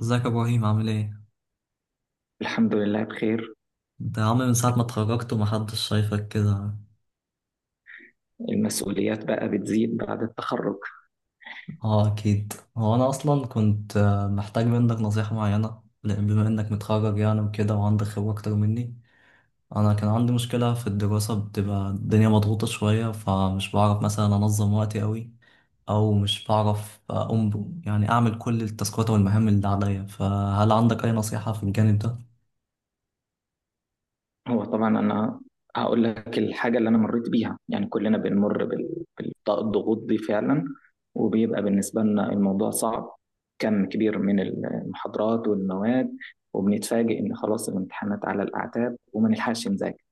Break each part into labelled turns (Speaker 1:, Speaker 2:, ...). Speaker 1: ازيك يا ابراهيم؟ عامل ايه؟
Speaker 2: الحمد لله بخير.
Speaker 1: انت يا عم من ساعه ما اتخرجت ومحدش شايفك كده.
Speaker 2: المسؤوليات بقى بتزيد بعد التخرج.
Speaker 1: اه، اكيد. هو انا اصلا كنت محتاج منك نصيحه معينه، لان بما انك متخرج يعني وكده وعندك خبره اكتر مني. انا كان عندي مشكله في الدراسه، بتبقى الدنيا مضغوطه شويه، فمش بعرف مثلا انظم وقتي قوي، او مش بعرف اقوم يعني اعمل كل التاسكات والمهام اللي عليا. فهل عندك اي نصيحه في الجانب ده؟
Speaker 2: هو طبعا أنا هقول لك الحاجة اللي أنا مريت بيها، يعني كلنا بنمر بالضغوط دي فعلا، وبيبقى بالنسبة لنا الموضوع صعب، كم كبير من المحاضرات والمواد، وبنتفاجئ إن خلاص الامتحانات على الأعتاب وما نلحقش نذاكر.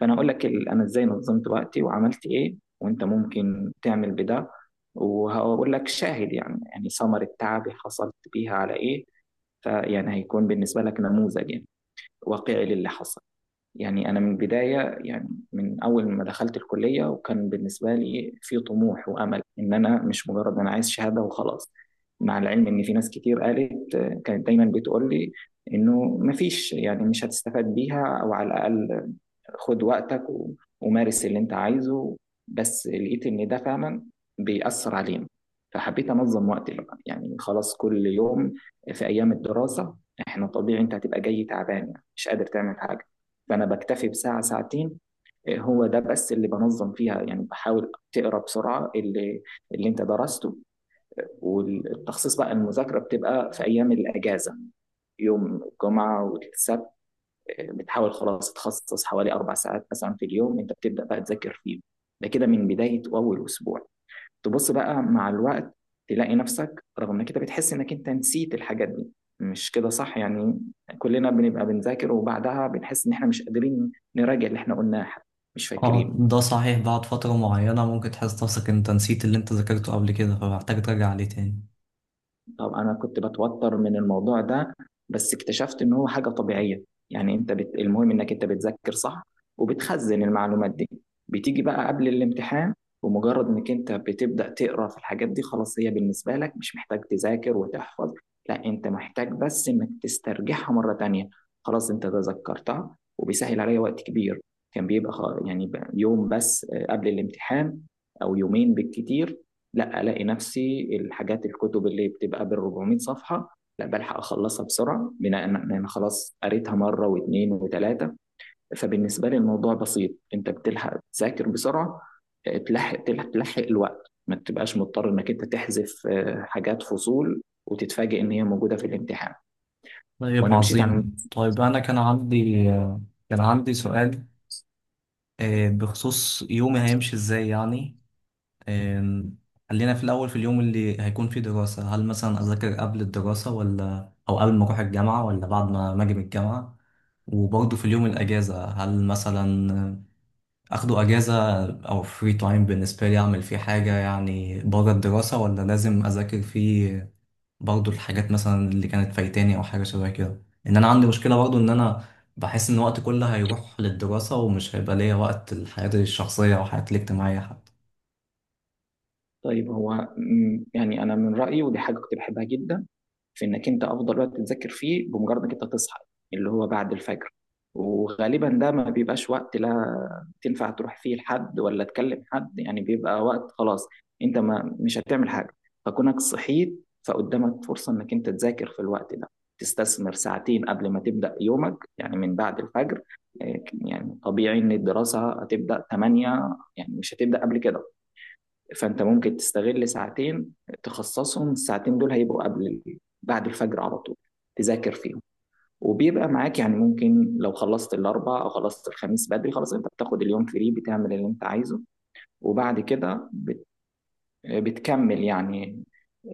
Speaker 2: فانا هقول لك انا ازاي نظمت وقتي وعملت ايه وانت ممكن تعمل بده، وهقول لك شاهد، يعني ثمر التعب حصلت بيها على ايه، فيعني هيكون بالنسبة لك نموذج يعني واقعي للي حصل. يعني أنا من البداية، يعني من أول ما دخلت الكلية، وكان بالنسبة لي في طموح وأمل إن أنا مش مجرد أنا عايز شهادة وخلاص. مع العلم إن في ناس كتير قالت، كانت دايما بتقول لي إنه مفيش، يعني مش هتستفاد بيها، أو على الأقل خد وقتك ومارس اللي انت عايزه. بس لقيت ان ده فعلا بيأثر علينا، فحبيت انظم وقتي بقى، يعني خلاص كل يوم في ايام الدراسة احنا طبيعي انت هتبقى جاي تعبان يعني مش قادر تعمل حاجة. فانا بكتفي بساعة ساعتين، إيه، هو ده بس اللي بنظم فيها، يعني بحاول تقرا بسرعة اللي انت درسته. والتخصيص بقى المذاكرة بتبقى في ايام الاجازة، يوم الجمعة والسبت، بتحاول خلاص تخصص حوالي أربع ساعات مثلا في اليوم أنت بتبدأ بقى تذاكر فيهم. ده كده من بداية أول أسبوع. تبص بقى مع الوقت تلاقي نفسك رغم إنك أنت بتحس إنك أنت نسيت الحاجات دي، مش كده صح؟ يعني كلنا بنبقى بنذاكر وبعدها بنحس إن إحنا مش قادرين نراجع اللي إحنا قلناه حتى، مش
Speaker 1: اه
Speaker 2: فاكرين.
Speaker 1: ده صحيح، بعد فترة معينة ممكن تحس نفسك انت نسيت اللي انت ذاكرته قبل كده، فمحتاج ترجع عليه تاني.
Speaker 2: طب انا كنت بتوتر من الموضوع ده، بس اكتشفت ان هو حاجه طبيعيه. يعني المهم انك انت بتذاكر صح وبتخزن المعلومات دي. بتيجي بقى قبل الامتحان ومجرد انك انت بتبدا تقرا في الحاجات دي خلاص هي بالنسبه لك مش محتاج تذاكر وتحفظ، لا انت محتاج بس انك تسترجعها مره تانية. خلاص انت تذكرتها وبيسهل عليا وقت كبير. كان بيبقى يوم بس، قبل الامتحان او يومين بالكتير. لا الاقي نفسي الحاجات الكتب اللي بتبقى بال 400 صفحه لا بلحق اخلصها بسرعه بناء ان انا خلاص قريتها مره واثنين وثلاثه. فبالنسبه لي الموضوع بسيط، انت بتلحق تذاكر بسرعه، تلحق، تلحق الوقت، ما تبقاش مضطر انك انت تحذف حاجات فصول وتتفاجئ ان هي موجوده في الامتحان.
Speaker 1: طيب
Speaker 2: وانا مشيت عن.
Speaker 1: عظيم. طيب انا كان عندي كان عندي سؤال بخصوص يومي هيمشي ازاي يعني. آم، خلينا في الاول في اليوم اللي هيكون فيه دراسة، هل مثلا اذاكر قبل الدراسة ولا او قبل ما اروح الجامعة ولا بعد ما اجي من الجامعة؟ وبرضه في اليوم الاجازة، هل مثلا اخده اجازة او فري تايم بالنسبة لي اعمل فيه حاجة يعني بره الدراسة، ولا لازم اذاكر فيه؟ برضو الحاجات مثلا اللي كانت فايتاني او حاجة شبه كده. ان انا عندي مشكلة برضو ان انا بحس ان وقتي كله هيروح للدراسة، ومش هيبقى ليا وقت لحياتي الشخصية او حياتي الاجتماعية حتى.
Speaker 2: طيب هو، يعني انا من رايي ودي حاجه كنت بحبها جدا، في انك انت افضل وقت تذاكر فيه بمجرد انك انت تصحى، اللي هو بعد الفجر. وغالبا ده ما بيبقاش وقت لا تنفع تروح فيه لحد ولا تكلم حد، يعني بيبقى وقت خلاص انت ما مش هتعمل حاجه. فكونك صحيت فقدامك فرصه انك انت تذاكر في الوقت ده، تستثمر ساعتين قبل ما تبدا يومك، يعني من بعد الفجر. يعني طبيعي ان الدراسه هتبدا 8، يعني مش هتبدا قبل كده. فانت ممكن تستغل ساعتين، تخصصهم الساعتين دول هيبقوا قبل بعد الفجر على طول، تذاكر فيهم. وبيبقى معاك، يعني ممكن لو خلصت الاربع او خلصت الخميس بدري خلاص انت بتاخد اليوم فري بتعمل اللي انت عايزه، وبعد كده بتكمل يعني.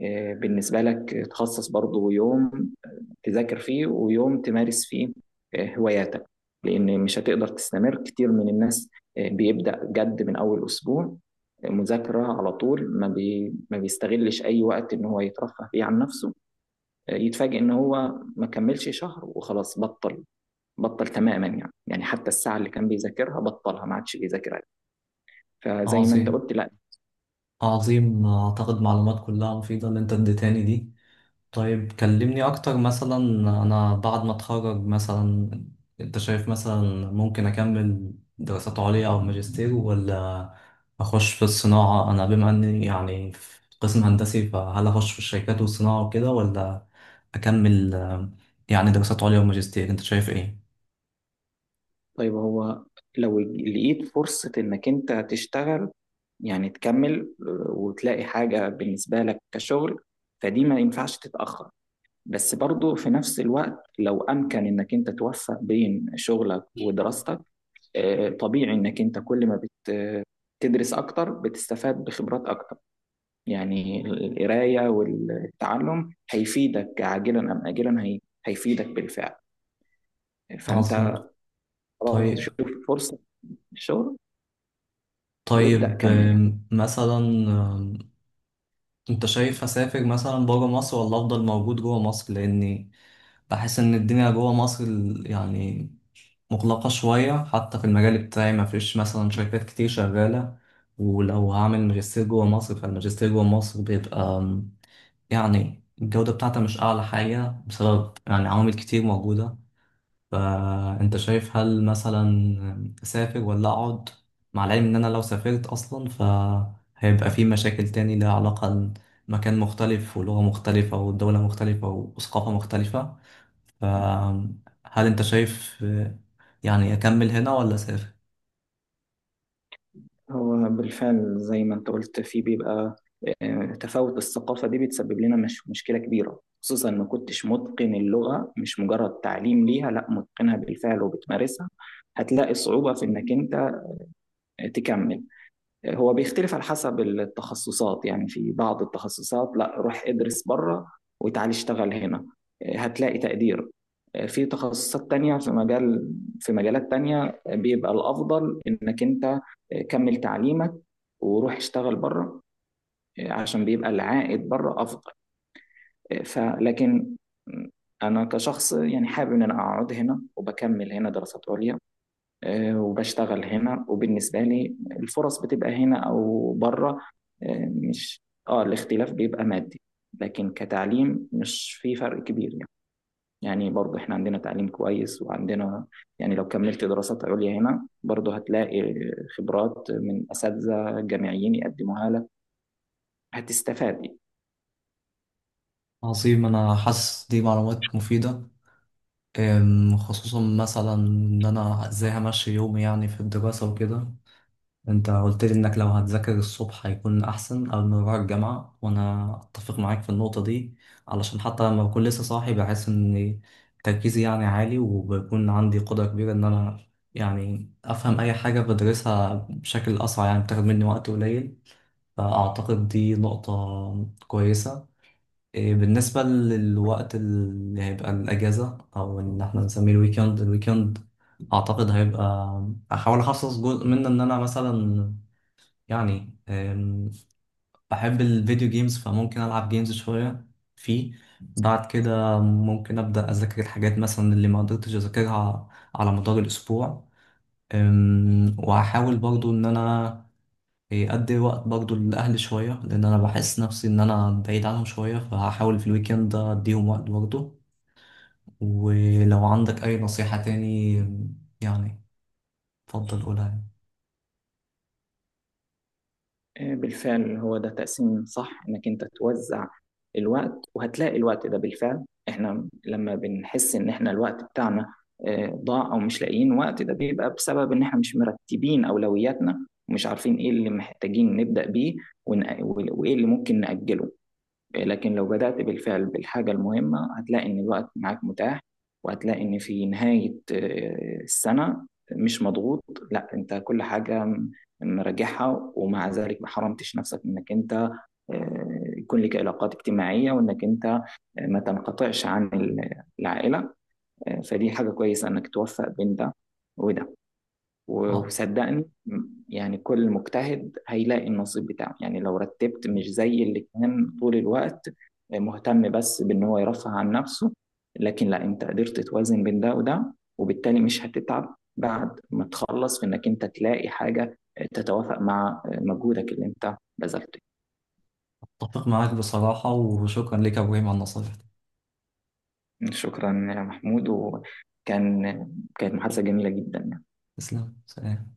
Speaker 2: بالنسبة لك تخصص برضو يوم تذاكر فيه ويوم تمارس فيه هواياتك. لأن مش هتقدر تستمر. كتير من الناس بيبدأ جد من أول أسبوع، مذاكرة على طول، ما بيستغلش أي وقت إن هو يترفه فيه عن نفسه. يتفاجئ إن هو ما كملش شهر وخلاص بطل تماما، يعني يعني حتى الساعة اللي كان بيذاكرها بطلها ما عادش بيذاكرها. فزي ما أنت
Speaker 1: عظيم،
Speaker 2: قلت، لا.
Speaker 1: عظيم. اعتقد معلومات كلها مفيدة اللي انت اديتاني دي. طيب كلمني اكتر مثلا، انا بعد ما اتخرج مثلا انت شايف مثلا ممكن اكمل دراسات عليا او ماجستير، ولا اخش في الصناعة؟ انا بما اني يعني في قسم هندسي، فهل اخش في الشركات والصناعة وكده، ولا اكمل يعني دراسات عليا وماجستير؟ انت شايف ايه؟
Speaker 2: طيب هو لو لقيت فرصة إنك أنت تشتغل، يعني تكمل، وتلاقي حاجة بالنسبة لك كشغل، فدي ما ينفعش تتأخر. بس برضو في نفس الوقت لو أمكن إنك أنت توفق بين شغلك ودراستك، طبيعي إنك أنت كل ما بت تدرس أكتر بتستفاد بخبرات أكتر. يعني القراية والتعلم هيفيدك عاجلا أم آجلا، هيفيدك بالفعل. فأنت
Speaker 1: عظيم.
Speaker 2: خلاص
Speaker 1: طيب،
Speaker 2: شوف فرصة الشغل وابدأ
Speaker 1: طيب
Speaker 2: كمل يعني.
Speaker 1: مثلا انت شايف اسافر مثلا بره مصر، ولا افضل موجود جوه مصر؟ لاني بحس إن الدنيا جوه مصر يعني مغلقة شوية، حتى في المجال بتاعي ما فيش مثلا شركات كتير شغالة. ولو هعمل ماجستير جوه مصر، فالماجستير جوه مصر بيبقى يعني الجودة بتاعتها مش أعلى حاجة بسبب يعني عوامل كتير موجودة. فأنت شايف هل مثلا أسافر ولا أقعد؟ مع العلم إن أنا لو سافرت أصلا فهيبقى في مشاكل تاني لها علاقة، مكان مختلف ولغة مختلفة ودولة مختلفة وثقافة مختلفة. فهل انت شايف يعني اكمل هنا ولا اسافر؟
Speaker 2: هو بالفعل زي ما انت قلت في بيبقى تفاوت الثقافة، دي بتسبب لنا مش مشكلة كبيرة، خصوصا ما كنتش متقن اللغة، مش مجرد تعليم ليها، لا متقنها بالفعل وبتمارسها. هتلاقي صعوبة في انك انت تكمل. هو بيختلف على حسب التخصصات، يعني في بعض التخصصات لا روح ادرس بره وتعالي اشتغل هنا هتلاقي تقدير. في في مجالات تانية بيبقى الأفضل إنك أنت كمل تعليمك وروح اشتغل بره عشان بيبقى العائد بره أفضل. فلكن أنا كشخص يعني حابب إن أنا أقعد هنا وبكمل هنا دراسات عليا، وبشتغل هنا، وبالنسبة لي الفرص بتبقى هنا أو بره آه، مش آه الاختلاف بيبقى مادي، لكن كتعليم مش في فرق كبير يعني. يعني برضه احنا عندنا تعليم كويس وعندنا، يعني لو كملت دراسات عليا هنا برضه هتلاقي خبرات من أساتذة جامعيين يقدموها لك، هتستفاد.
Speaker 1: عظيم، انا حاسس دي معلومات مفيدة. خصوصا مثلا ان انا ازاي همشي يومي يعني في الدراسة وكده. انت قلت لي انك لو هتذاكر الصبح هيكون احسن قبل ما اروح الجامعه، وانا اتفق معاك في النقطه دي، علشان حتى لما بكون لسه صاحي بحس ان تركيزي يعني عالي، وبيكون عندي قدره كبيره ان انا يعني افهم اي حاجه بدرسها بشكل اسرع، يعني بتاخد مني وقت قليل. فأعتقد دي نقطة كويسة. بالنسبة للوقت اللي هيبقى الأجازة أو إن إحنا نسميه الويكند، أعتقد هيبقى أحاول أخصص جزء منه إن أنا مثلا يعني بحب الفيديو جيمز، فممكن ألعب جيمز شوية فيه. بعد كده ممكن أبدأ أذاكر الحاجات مثلا اللي ما قدرتش أذاكرها على مدار الأسبوع. وهحاول برضو إن أنا أدي وقت برضو لأهلي شوية، لأن أنا بحس نفسي إن أنا بعيد عنهم شوية، فهحاول في الويكند أديهم وقت برضو. ولو عندك أي نصيحة تاني يعني، اتفضل قولها يعني.
Speaker 2: بالفعل هو ده تقسيم صح، انك انت توزع الوقت. وهتلاقي الوقت ده بالفعل، احنا لما بنحس ان احنا الوقت بتاعنا ضاع او مش لاقيين وقت، ده بيبقى بسبب ان احنا مش مرتبين اولوياتنا ومش عارفين ايه اللي محتاجين نبدأ بيه وايه اللي ممكن نأجله. لكن لو بدأت بالفعل بالحاجة المهمة هتلاقي إن الوقت معاك متاح، وهتلاقي إن في نهاية السنة مش مضغوط، لا أنت كل حاجة مراجعها، ومع ذلك ما حرمتش نفسك إنك أنت يكون لك علاقات اجتماعية، وإنك أنت ما تنقطعش عن العائلة. فدي حاجة كويسة إنك توفق بين ده وده.
Speaker 1: أه.
Speaker 2: وصدقني يعني كل مجتهد هيلاقي النصيب بتاعه. يعني لو رتبت مش زي اللي كان طول الوقت مهتم بس بان هو يرفه عن نفسه، لكن لا انت قدرت توازن بين ده وده، وبالتالي مش هتتعب بعد ما تخلص في انك انت تلاقي حاجة تتوافق مع مجهودك اللي انت بذلته.
Speaker 1: أتفق معاك بصراحة، وشكرا لك يا إبراهيم على النصائح دي.
Speaker 2: شكرا يا محمود، كانت محادثة جميلة جدا.
Speaker 1: تسلم، سلام.